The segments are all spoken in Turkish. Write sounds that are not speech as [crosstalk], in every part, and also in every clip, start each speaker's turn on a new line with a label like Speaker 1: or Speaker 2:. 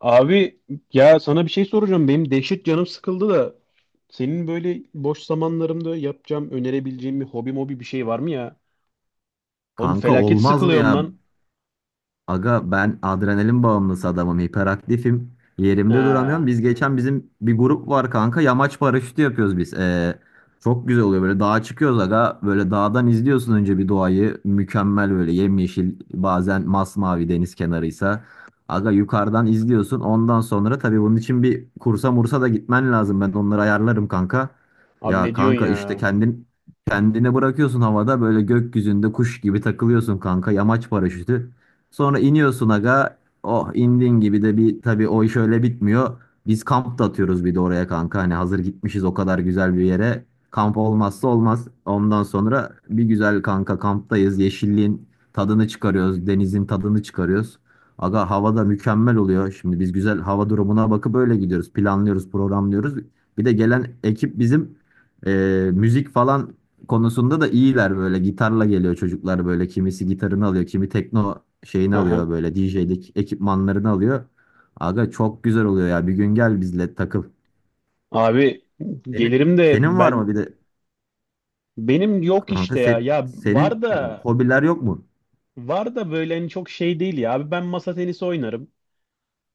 Speaker 1: Abi, ya sana bir şey soracağım. Benim dehşet canım sıkıldı da senin böyle boş zamanlarımda yapacağım, önerebileceğim bir hobi mobi bir şey var mı ya? Oğlum
Speaker 2: Kanka
Speaker 1: felaket
Speaker 2: olmaz mı
Speaker 1: sıkılıyorum
Speaker 2: ya?
Speaker 1: lan.
Speaker 2: Aga ben adrenalin bağımlısı adamım, hiperaktifim. Yerimde duramıyorum.
Speaker 1: Ha,
Speaker 2: Biz geçen bizim bir grup var kanka. Yamaç paraşütü yapıyoruz biz. Çok güzel oluyor böyle dağa çıkıyoruz aga. Böyle dağdan izliyorsun önce bir doğayı. Mükemmel böyle yemyeşil bazen masmavi deniz kenarıysa. Aga yukarıdan izliyorsun. Ondan sonra tabii bunun için bir kursa mursa da gitmen lazım. Ben onları ayarlarım kanka.
Speaker 1: abi
Speaker 2: Ya
Speaker 1: ne diyorsun
Speaker 2: kanka işte
Speaker 1: ya?
Speaker 2: kendin kendine bırakıyorsun havada böyle gökyüzünde kuş gibi takılıyorsun kanka. Yamaç paraşütü. Sonra iniyorsun aga. Oh indin gibi de bir tabii o iş öyle bitmiyor. Biz kamp da atıyoruz bir de oraya kanka. Hani hazır gitmişiz o kadar güzel bir yere. Kamp olmazsa olmaz. Ondan sonra bir güzel kanka kamptayız. Yeşilliğin tadını çıkarıyoruz. Denizin tadını çıkarıyoruz. Aga hava da mükemmel oluyor. Şimdi biz güzel hava durumuna bakıp öyle gidiyoruz. Planlıyoruz, programlıyoruz. Bir de gelen ekip bizim müzik falan konusunda da iyiler, böyle gitarla geliyor çocuklar, böyle kimisi gitarını alıyor, kimi tekno şeyini
Speaker 1: Aha.
Speaker 2: alıyor, böyle DJ'lik ekipmanlarını alıyor. Aga çok güzel oluyor ya, bir gün gel bizle takıl.
Speaker 1: Abi
Speaker 2: Senin,
Speaker 1: gelirim de
Speaker 2: senin var
Speaker 1: ben
Speaker 2: mı bir de
Speaker 1: benim yok
Speaker 2: kanka,
Speaker 1: işte ya. Ya
Speaker 2: senin
Speaker 1: var da
Speaker 2: hobiler yok mu?
Speaker 1: var da böyle hani çok şey değil ya. Abi ben masa tenisi oynarım.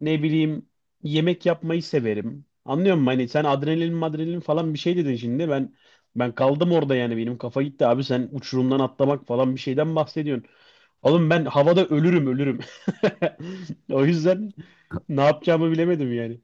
Speaker 1: Ne bileyim, yemek yapmayı severim. Anlıyor musun? Hani sen adrenalin madrenalin falan bir şey dedin şimdi. Ben kaldım orada yani benim kafa gitti abi, sen uçurumdan atlamak falan bir şeyden bahsediyorsun. Oğlum ben havada ölürüm ölürüm. [laughs] O yüzden ne yapacağımı bilemedim yani.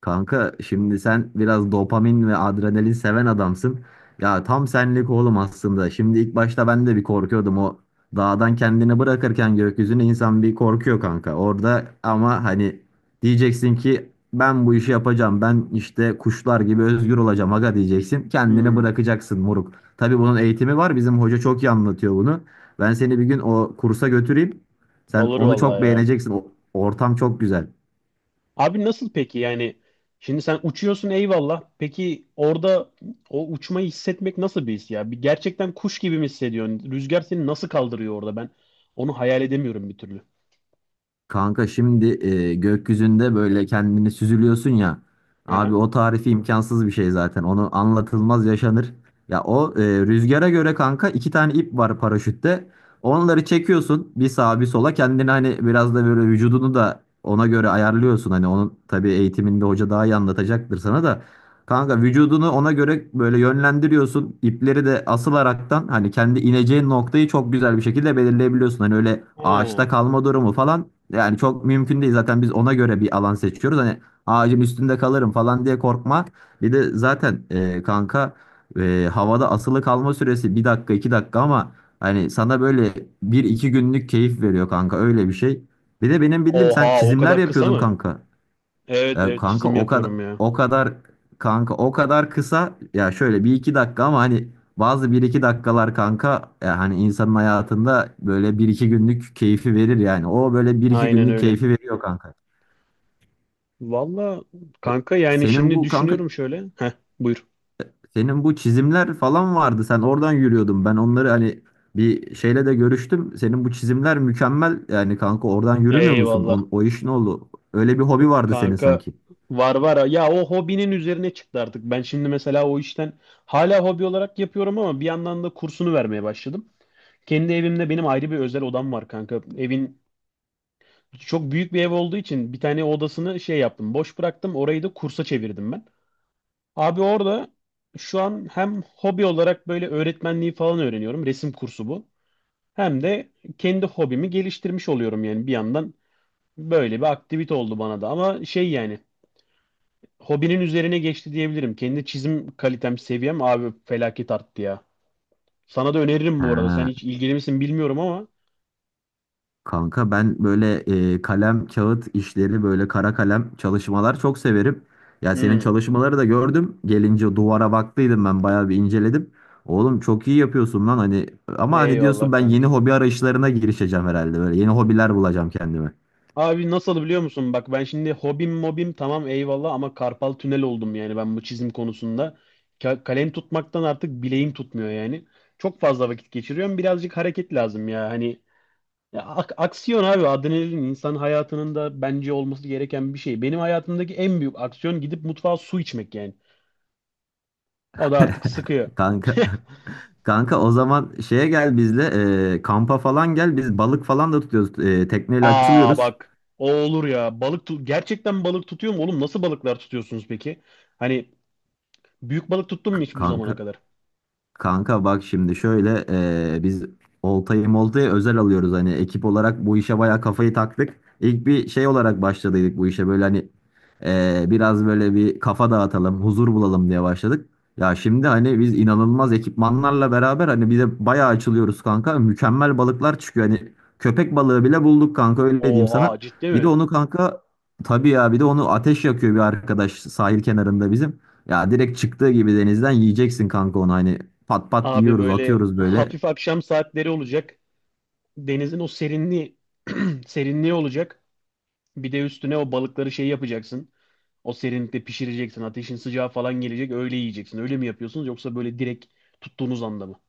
Speaker 2: Kanka şimdi sen biraz dopamin ve adrenalin seven adamsın. Ya tam senlik oğlum aslında. Şimdi ilk başta ben de bir korkuyordum, o dağdan kendini bırakırken gökyüzüne insan bir korkuyor kanka. Orada ama hani diyeceksin ki ben bu işi yapacağım. Ben işte kuşlar gibi özgür olacağım aga diyeceksin. Kendini
Speaker 1: Hmm.
Speaker 2: bırakacaksın moruk. Tabii bunun eğitimi var. Bizim hoca çok iyi anlatıyor bunu. Ben seni bir gün o kursa götüreyim. Sen
Speaker 1: Olur
Speaker 2: onu
Speaker 1: vallahi
Speaker 2: çok
Speaker 1: ya.
Speaker 2: beğeneceksin. O ortam çok güzel.
Speaker 1: Abi nasıl peki yani? Şimdi sen uçuyorsun, eyvallah. Peki orada o uçmayı hissetmek nasıl bir his ya? Bir gerçekten kuş gibi mi hissediyorsun? Rüzgar seni nasıl kaldırıyor orada? Ben onu hayal edemiyorum bir türlü.
Speaker 2: Kanka şimdi gökyüzünde böyle kendini süzülüyorsun ya.
Speaker 1: Aha.
Speaker 2: Abi o tarifi imkansız bir şey zaten. Onu anlatılmaz yaşanır. Ya o rüzgara göre kanka iki tane ip var paraşütte. Onları çekiyorsun bir sağa bir sola. Kendini hani biraz da böyle vücudunu da ona göre ayarlıyorsun. Hani onun tabii eğitiminde hoca daha iyi anlatacaktır sana da. Kanka vücudunu ona göre böyle yönlendiriyorsun. İpleri de asılaraktan hani kendi ineceğin noktayı çok güzel bir şekilde belirleyebiliyorsun. Hani öyle
Speaker 1: Ha.
Speaker 2: ağaçta kalma durumu falan yani çok mümkün değil. Zaten biz ona göre bir alan seçiyoruz. Hani ağacın üstünde kalırım falan diye korkma. Bir de zaten kanka havada asılı kalma süresi bir dakika iki dakika, ama hani sana böyle bir iki günlük keyif veriyor kanka, öyle bir şey. Bir de benim bildiğim sen
Speaker 1: Oha, o
Speaker 2: çizimler
Speaker 1: kadar kısa
Speaker 2: yapıyordun
Speaker 1: mı?
Speaker 2: kanka.
Speaker 1: Evet
Speaker 2: Ya
Speaker 1: evet,
Speaker 2: kanka
Speaker 1: çizim yapıyorum ya.
Speaker 2: o kadar o kadar kısa ya, şöyle bir iki dakika, ama hani bazı bir iki dakikalar kanka, ya hani insanın hayatında böyle bir iki günlük keyfi verir yani. O böyle bir iki
Speaker 1: Aynen
Speaker 2: günlük
Speaker 1: öyle.
Speaker 2: keyfi veriyor kanka.
Speaker 1: Valla
Speaker 2: E,
Speaker 1: kanka, yani
Speaker 2: Senin
Speaker 1: şimdi
Speaker 2: bu kanka
Speaker 1: düşünüyorum şöyle. Heh, buyur.
Speaker 2: senin bu çizimler falan vardı. Sen oradan yürüyordun. Ben onları hani bir şeyle de görüştüm. Senin bu çizimler mükemmel yani kanka, oradan yürümüyor musun?
Speaker 1: Eyvallah.
Speaker 2: O iş ne oldu? Öyle bir hobi vardı senin
Speaker 1: Kanka
Speaker 2: sanki.
Speaker 1: var var. Ya o hobinin üzerine çıktı artık. Ben şimdi mesela o işten hala hobi olarak yapıyorum ama bir yandan da kursunu vermeye başladım. Kendi evimde benim ayrı bir özel odam var kanka. Evin çok büyük bir ev olduğu için bir tane odasını şey yaptım. Boş bıraktım. Orayı da kursa çevirdim ben. Abi orada şu an hem hobi olarak böyle öğretmenliği falan öğreniyorum. Resim kursu bu. Hem de kendi hobimi geliştirmiş oluyorum yani bir yandan böyle bir aktivite oldu bana da. Ama şey yani, hobinin üzerine geçti diyebilirim. Kendi çizim kalitem, seviyem abi felaket arttı ya. Sana da öneririm bu arada. Sen
Speaker 2: Ha.
Speaker 1: hiç ilgili misin bilmiyorum ama.
Speaker 2: Kanka ben böyle kalem kağıt işleri, böyle kara kalem çalışmalar çok severim. Ya senin
Speaker 1: Hmm,
Speaker 2: çalışmaları da gördüm. Gelince duvara baktıydım, ben bayağı bir inceledim. Oğlum çok iyi yapıyorsun lan, hani ama hani diyorsun
Speaker 1: eyvallah
Speaker 2: ben
Speaker 1: kanka.
Speaker 2: yeni hobi arayışlarına girişeceğim herhalde, böyle yeni hobiler bulacağım kendime.
Speaker 1: Abi nasıl biliyor musun? Bak ben şimdi hobim mobim tamam eyvallah ama karpal tünel oldum yani ben bu çizim konusunda. Kalem tutmaktan artık bileğim tutmuyor yani. Çok fazla vakit geçiriyorum. Birazcık hareket lazım ya. Hani ya aksiyon abi, adrenalin insan hayatının da bence olması gereken bir şey. Benim hayatımdaki en büyük aksiyon gidip mutfağa su içmek yani. O da artık
Speaker 2: [laughs]
Speaker 1: sıkıyor.
Speaker 2: Kanka kanka o zaman şeye gel bizle, kampa falan gel, biz balık falan da tutuyoruz. Tekneyle
Speaker 1: Aa
Speaker 2: açılıyoruz.
Speaker 1: bak, o olur ya. Gerçekten balık tutuyor mu oğlum? Nasıl balıklar tutuyorsunuz peki? Hani büyük balık tuttun mu
Speaker 2: K-
Speaker 1: hiç bu zamana
Speaker 2: kanka
Speaker 1: kadar?
Speaker 2: Kanka bak şimdi şöyle, biz oltayı moltayı özel alıyoruz, hani ekip olarak bu işe bayağı kafayı taktık. İlk bir şey olarak başladıydık bu işe, böyle hani biraz böyle bir kafa dağıtalım, huzur bulalım diye başladık. Ya şimdi hani biz inanılmaz ekipmanlarla beraber hani bir de bayağı açılıyoruz kanka. Mükemmel balıklar çıkıyor, hani köpek balığı bile bulduk kanka, öyle diyeyim
Speaker 1: Oha,
Speaker 2: sana.
Speaker 1: ciddi
Speaker 2: Bir de
Speaker 1: mi?
Speaker 2: onu kanka, tabii ya, bir de onu ateş yakıyor bir arkadaş sahil kenarında bizim. Ya direkt çıktığı gibi denizden yiyeceksin kanka onu, hani pat pat
Speaker 1: Abi
Speaker 2: yiyoruz,
Speaker 1: böyle
Speaker 2: atıyoruz böyle.
Speaker 1: hafif akşam saatleri olacak. Denizin o serinliği [clears throat] serinliği olacak. Bir de üstüne o balıkları şey yapacaksın. O serinlikte pişireceksin. Ateşin sıcağı falan gelecek. Öyle yiyeceksin. Öyle mi yapıyorsunuz yoksa böyle direkt tuttuğunuz anda mı?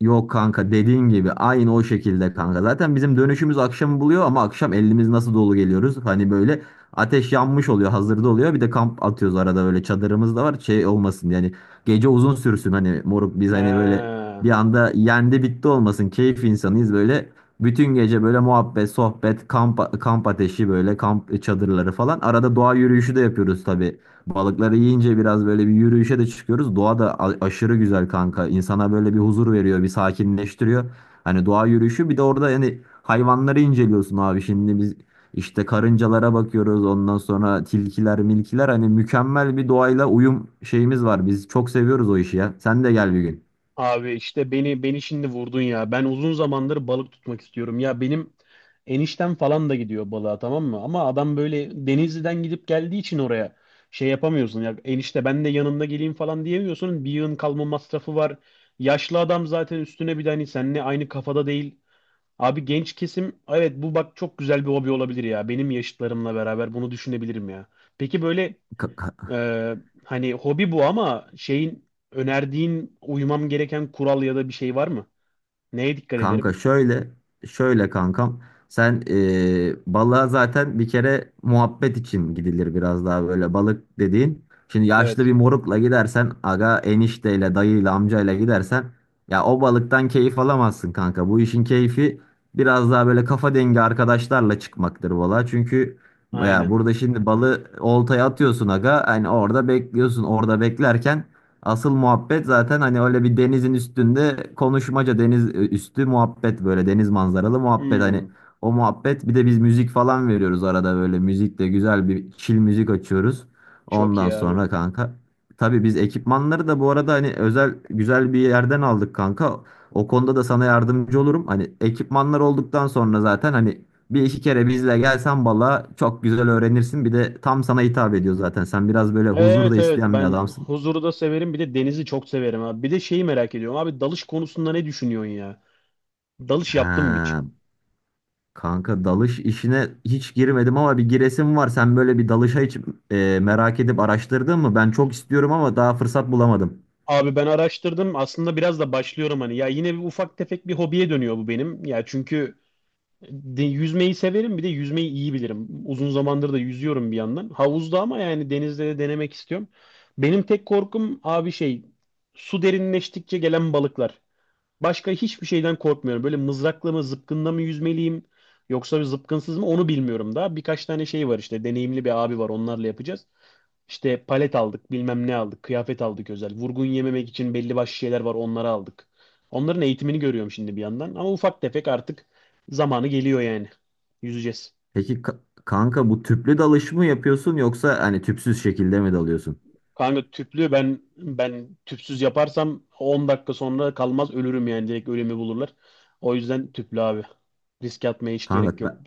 Speaker 2: Yok kanka, dediğin gibi aynı o şekilde kanka. Zaten bizim dönüşümüz akşamı buluyor, ama akşam elimiz nasıl dolu geliyoruz. Hani böyle ateş yanmış oluyor, hazırda oluyor. Bir de kamp atıyoruz arada, böyle çadırımız da var, şey olmasın yani, gece uzun sürsün, hani moruk biz hani böyle
Speaker 1: He.
Speaker 2: bir anda yendi bitti olmasın, keyif insanıyız böyle. Bütün gece böyle muhabbet, sohbet, kamp, kamp ateşi, böyle kamp çadırları falan. Arada doğa yürüyüşü de yapıyoruz tabii. Balıkları yiyince biraz böyle bir yürüyüşe de çıkıyoruz. Doğa da aşırı güzel kanka. İnsana böyle bir huzur veriyor, bir sakinleştiriyor. Hani doğa yürüyüşü bir de orada yani hayvanları inceliyorsun abi. Şimdi biz işte karıncalara bakıyoruz. Ondan sonra tilkiler, milkiler, hani mükemmel bir doğayla uyum şeyimiz var. Biz çok seviyoruz o işi ya. Sen de gel bir gün.
Speaker 1: Abi işte beni şimdi vurdun ya. Ben uzun zamandır balık tutmak istiyorum. Ya benim eniştem falan da gidiyor balığa, tamam mı? Ama adam böyle Denizli'den gidip geldiği için oraya şey yapamıyorsun. Ya enişte ben de yanında geleyim falan diyemiyorsun. Bir yığın kalma masrafı var. Yaşlı adam zaten, üstüne bir de hani seninle aynı kafada değil. Abi genç kesim evet, bu bak çok güzel bir hobi olabilir ya. Benim yaşıtlarımla beraber bunu düşünebilirim ya. Peki böyle
Speaker 2: [laughs]
Speaker 1: ee, hani hobi bu ama şeyin önerdiğin uymam gereken kural ya da bir şey var mı? Neye dikkat ederim?
Speaker 2: Kanka şöyle kankam, sen balığa zaten bir kere muhabbet için gidilir, biraz daha böyle balık dediğin. Şimdi yaşlı
Speaker 1: Evet,
Speaker 2: bir morukla gidersen aga, enişteyle dayıyla amcayla gidersen ya, o balıktan keyif alamazsın kanka. Bu işin keyfi biraz daha böyle kafa dengi arkadaşlarla çıkmaktır balığa. Çünkü ya
Speaker 1: aynen.
Speaker 2: burada şimdi balığı oltaya atıyorsun aga, hani orada bekliyorsun, orada beklerken asıl muhabbet zaten hani öyle bir denizin üstünde konuşmaca, deniz üstü muhabbet, böyle deniz manzaralı muhabbet,
Speaker 1: Hmm,
Speaker 2: hani o muhabbet, bir de biz müzik falan veriyoruz arada, böyle müzikle güzel bir chill müzik açıyoruz.
Speaker 1: çok
Speaker 2: Ondan
Speaker 1: iyi abi.
Speaker 2: sonra kanka, tabii biz ekipmanları da bu arada hani özel güzel bir yerden aldık kanka. O konuda da sana yardımcı olurum. Hani ekipmanlar olduktan sonra zaten hani bir iki kere bizle gelsen balığa çok güzel öğrenirsin. Bir de tam sana hitap ediyor zaten. Sen biraz böyle huzur da
Speaker 1: Evet evet,
Speaker 2: isteyen bir
Speaker 1: ben
Speaker 2: adamsın.
Speaker 1: huzuru da severim bir de denizi çok severim abi. Bir de şeyi merak ediyorum abi, dalış konusunda ne düşünüyorsun ya? Dalış yaptın mı hiç?
Speaker 2: Ha, kanka dalış işine hiç girmedim ama bir giresim var. Sen böyle bir dalışa hiç merak edip araştırdın mı? Ben çok istiyorum ama daha fırsat bulamadım.
Speaker 1: Abi ben araştırdım aslında, biraz da başlıyorum hani, ya yine bir ufak tefek bir hobiye dönüyor bu benim. Ya çünkü yüzmeyi severim bir de yüzmeyi iyi bilirim. Uzun zamandır da yüzüyorum bir yandan. Havuzda ama, yani denizde de denemek istiyorum. Benim tek korkum abi şey, su derinleştikçe gelen balıklar. Başka hiçbir şeyden korkmuyorum. Böyle mızrakla mı zıpkınla mı yüzmeliyim yoksa bir zıpkınsız mı onu bilmiyorum daha. Birkaç tane şey var işte, deneyimli bir abi var, onlarla yapacağız. İşte palet aldık, bilmem ne aldık, kıyafet aldık özel. Vurgun yememek için belli başlı şeyler var, onları aldık. Onların eğitimini görüyorum şimdi bir yandan. Ama ufak tefek artık zamanı geliyor yani. Yüzeceğiz.
Speaker 2: Peki kanka, bu tüplü dalış mı yapıyorsun yoksa hani tüpsüz şekilde mi dalıyorsun?
Speaker 1: Kanka tüplü, ben tüpsüz yaparsam 10 dakika sonra kalmaz ölürüm yani direkt ölümü bulurlar. O yüzden tüplü abi. Risk atmaya hiç gerek
Speaker 2: Kanka
Speaker 1: yok.
Speaker 2: ben,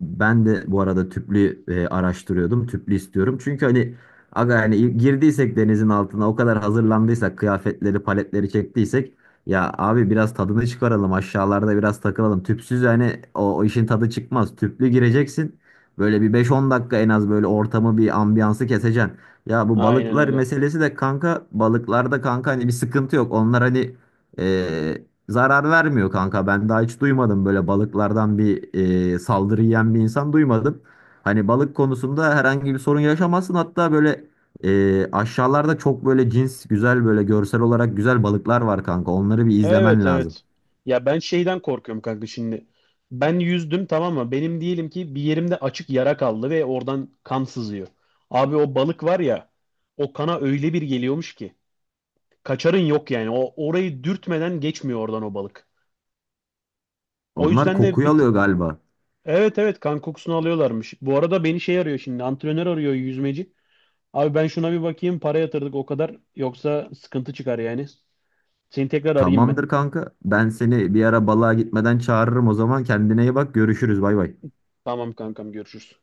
Speaker 2: Ben de bu arada tüplü araştırıyordum. Tüplü istiyorum. Çünkü hani aga yani girdiysek denizin altına, o kadar hazırlandıysak, kıyafetleri paletleri çektiysek, ya abi biraz tadını çıkaralım aşağılarda, biraz takılalım. Tüpsüz yani o işin tadı çıkmaz. Tüplü gireceksin. Böyle bir 5 10 dakika en az böyle ortamı, bir ambiyansı keseceksin. Ya bu
Speaker 1: Aynen
Speaker 2: balıklar
Speaker 1: öyle.
Speaker 2: meselesi de kanka, balıklarda kanka hani bir sıkıntı yok. Onlar hani e, zarar vermiyor kanka. Ben daha hiç duymadım böyle balıklardan bir saldırı yiyen bir insan duymadım. Hani balık konusunda herhangi bir sorun yaşamazsın. Hatta böyle aşağılarda çok böyle cins güzel, böyle görsel olarak güzel balıklar var kanka. Onları bir
Speaker 1: Evet
Speaker 2: izlemen lazım.
Speaker 1: evet. Ya ben şeyden korkuyorum kanka şimdi. Ben yüzdüm tamam mı? Benim diyelim ki bir yerimde açık yara kaldı ve oradan kan sızıyor. Abi o balık var ya, o kana öyle bir geliyormuş ki. Kaçarın yok yani. O orayı dürtmeden geçmiyor oradan o balık. O
Speaker 2: Onlar
Speaker 1: yüzden de
Speaker 2: kokuyu
Speaker 1: bir tık
Speaker 2: alıyor galiba.
Speaker 1: evet evet, kan kokusunu alıyorlarmış. Bu arada beni şey arıyor şimdi, antrenör arıyor yüzmeci. Abi ben şuna bir bakayım, para yatırdık o kadar yoksa sıkıntı çıkar yani. Seni tekrar arayayım ben.
Speaker 2: Tamamdır kanka. Ben seni bir ara balığa gitmeden çağırırım o zaman. Kendine iyi bak. Görüşürüz. Bay bay.
Speaker 1: Tamam kankam, görüşürüz.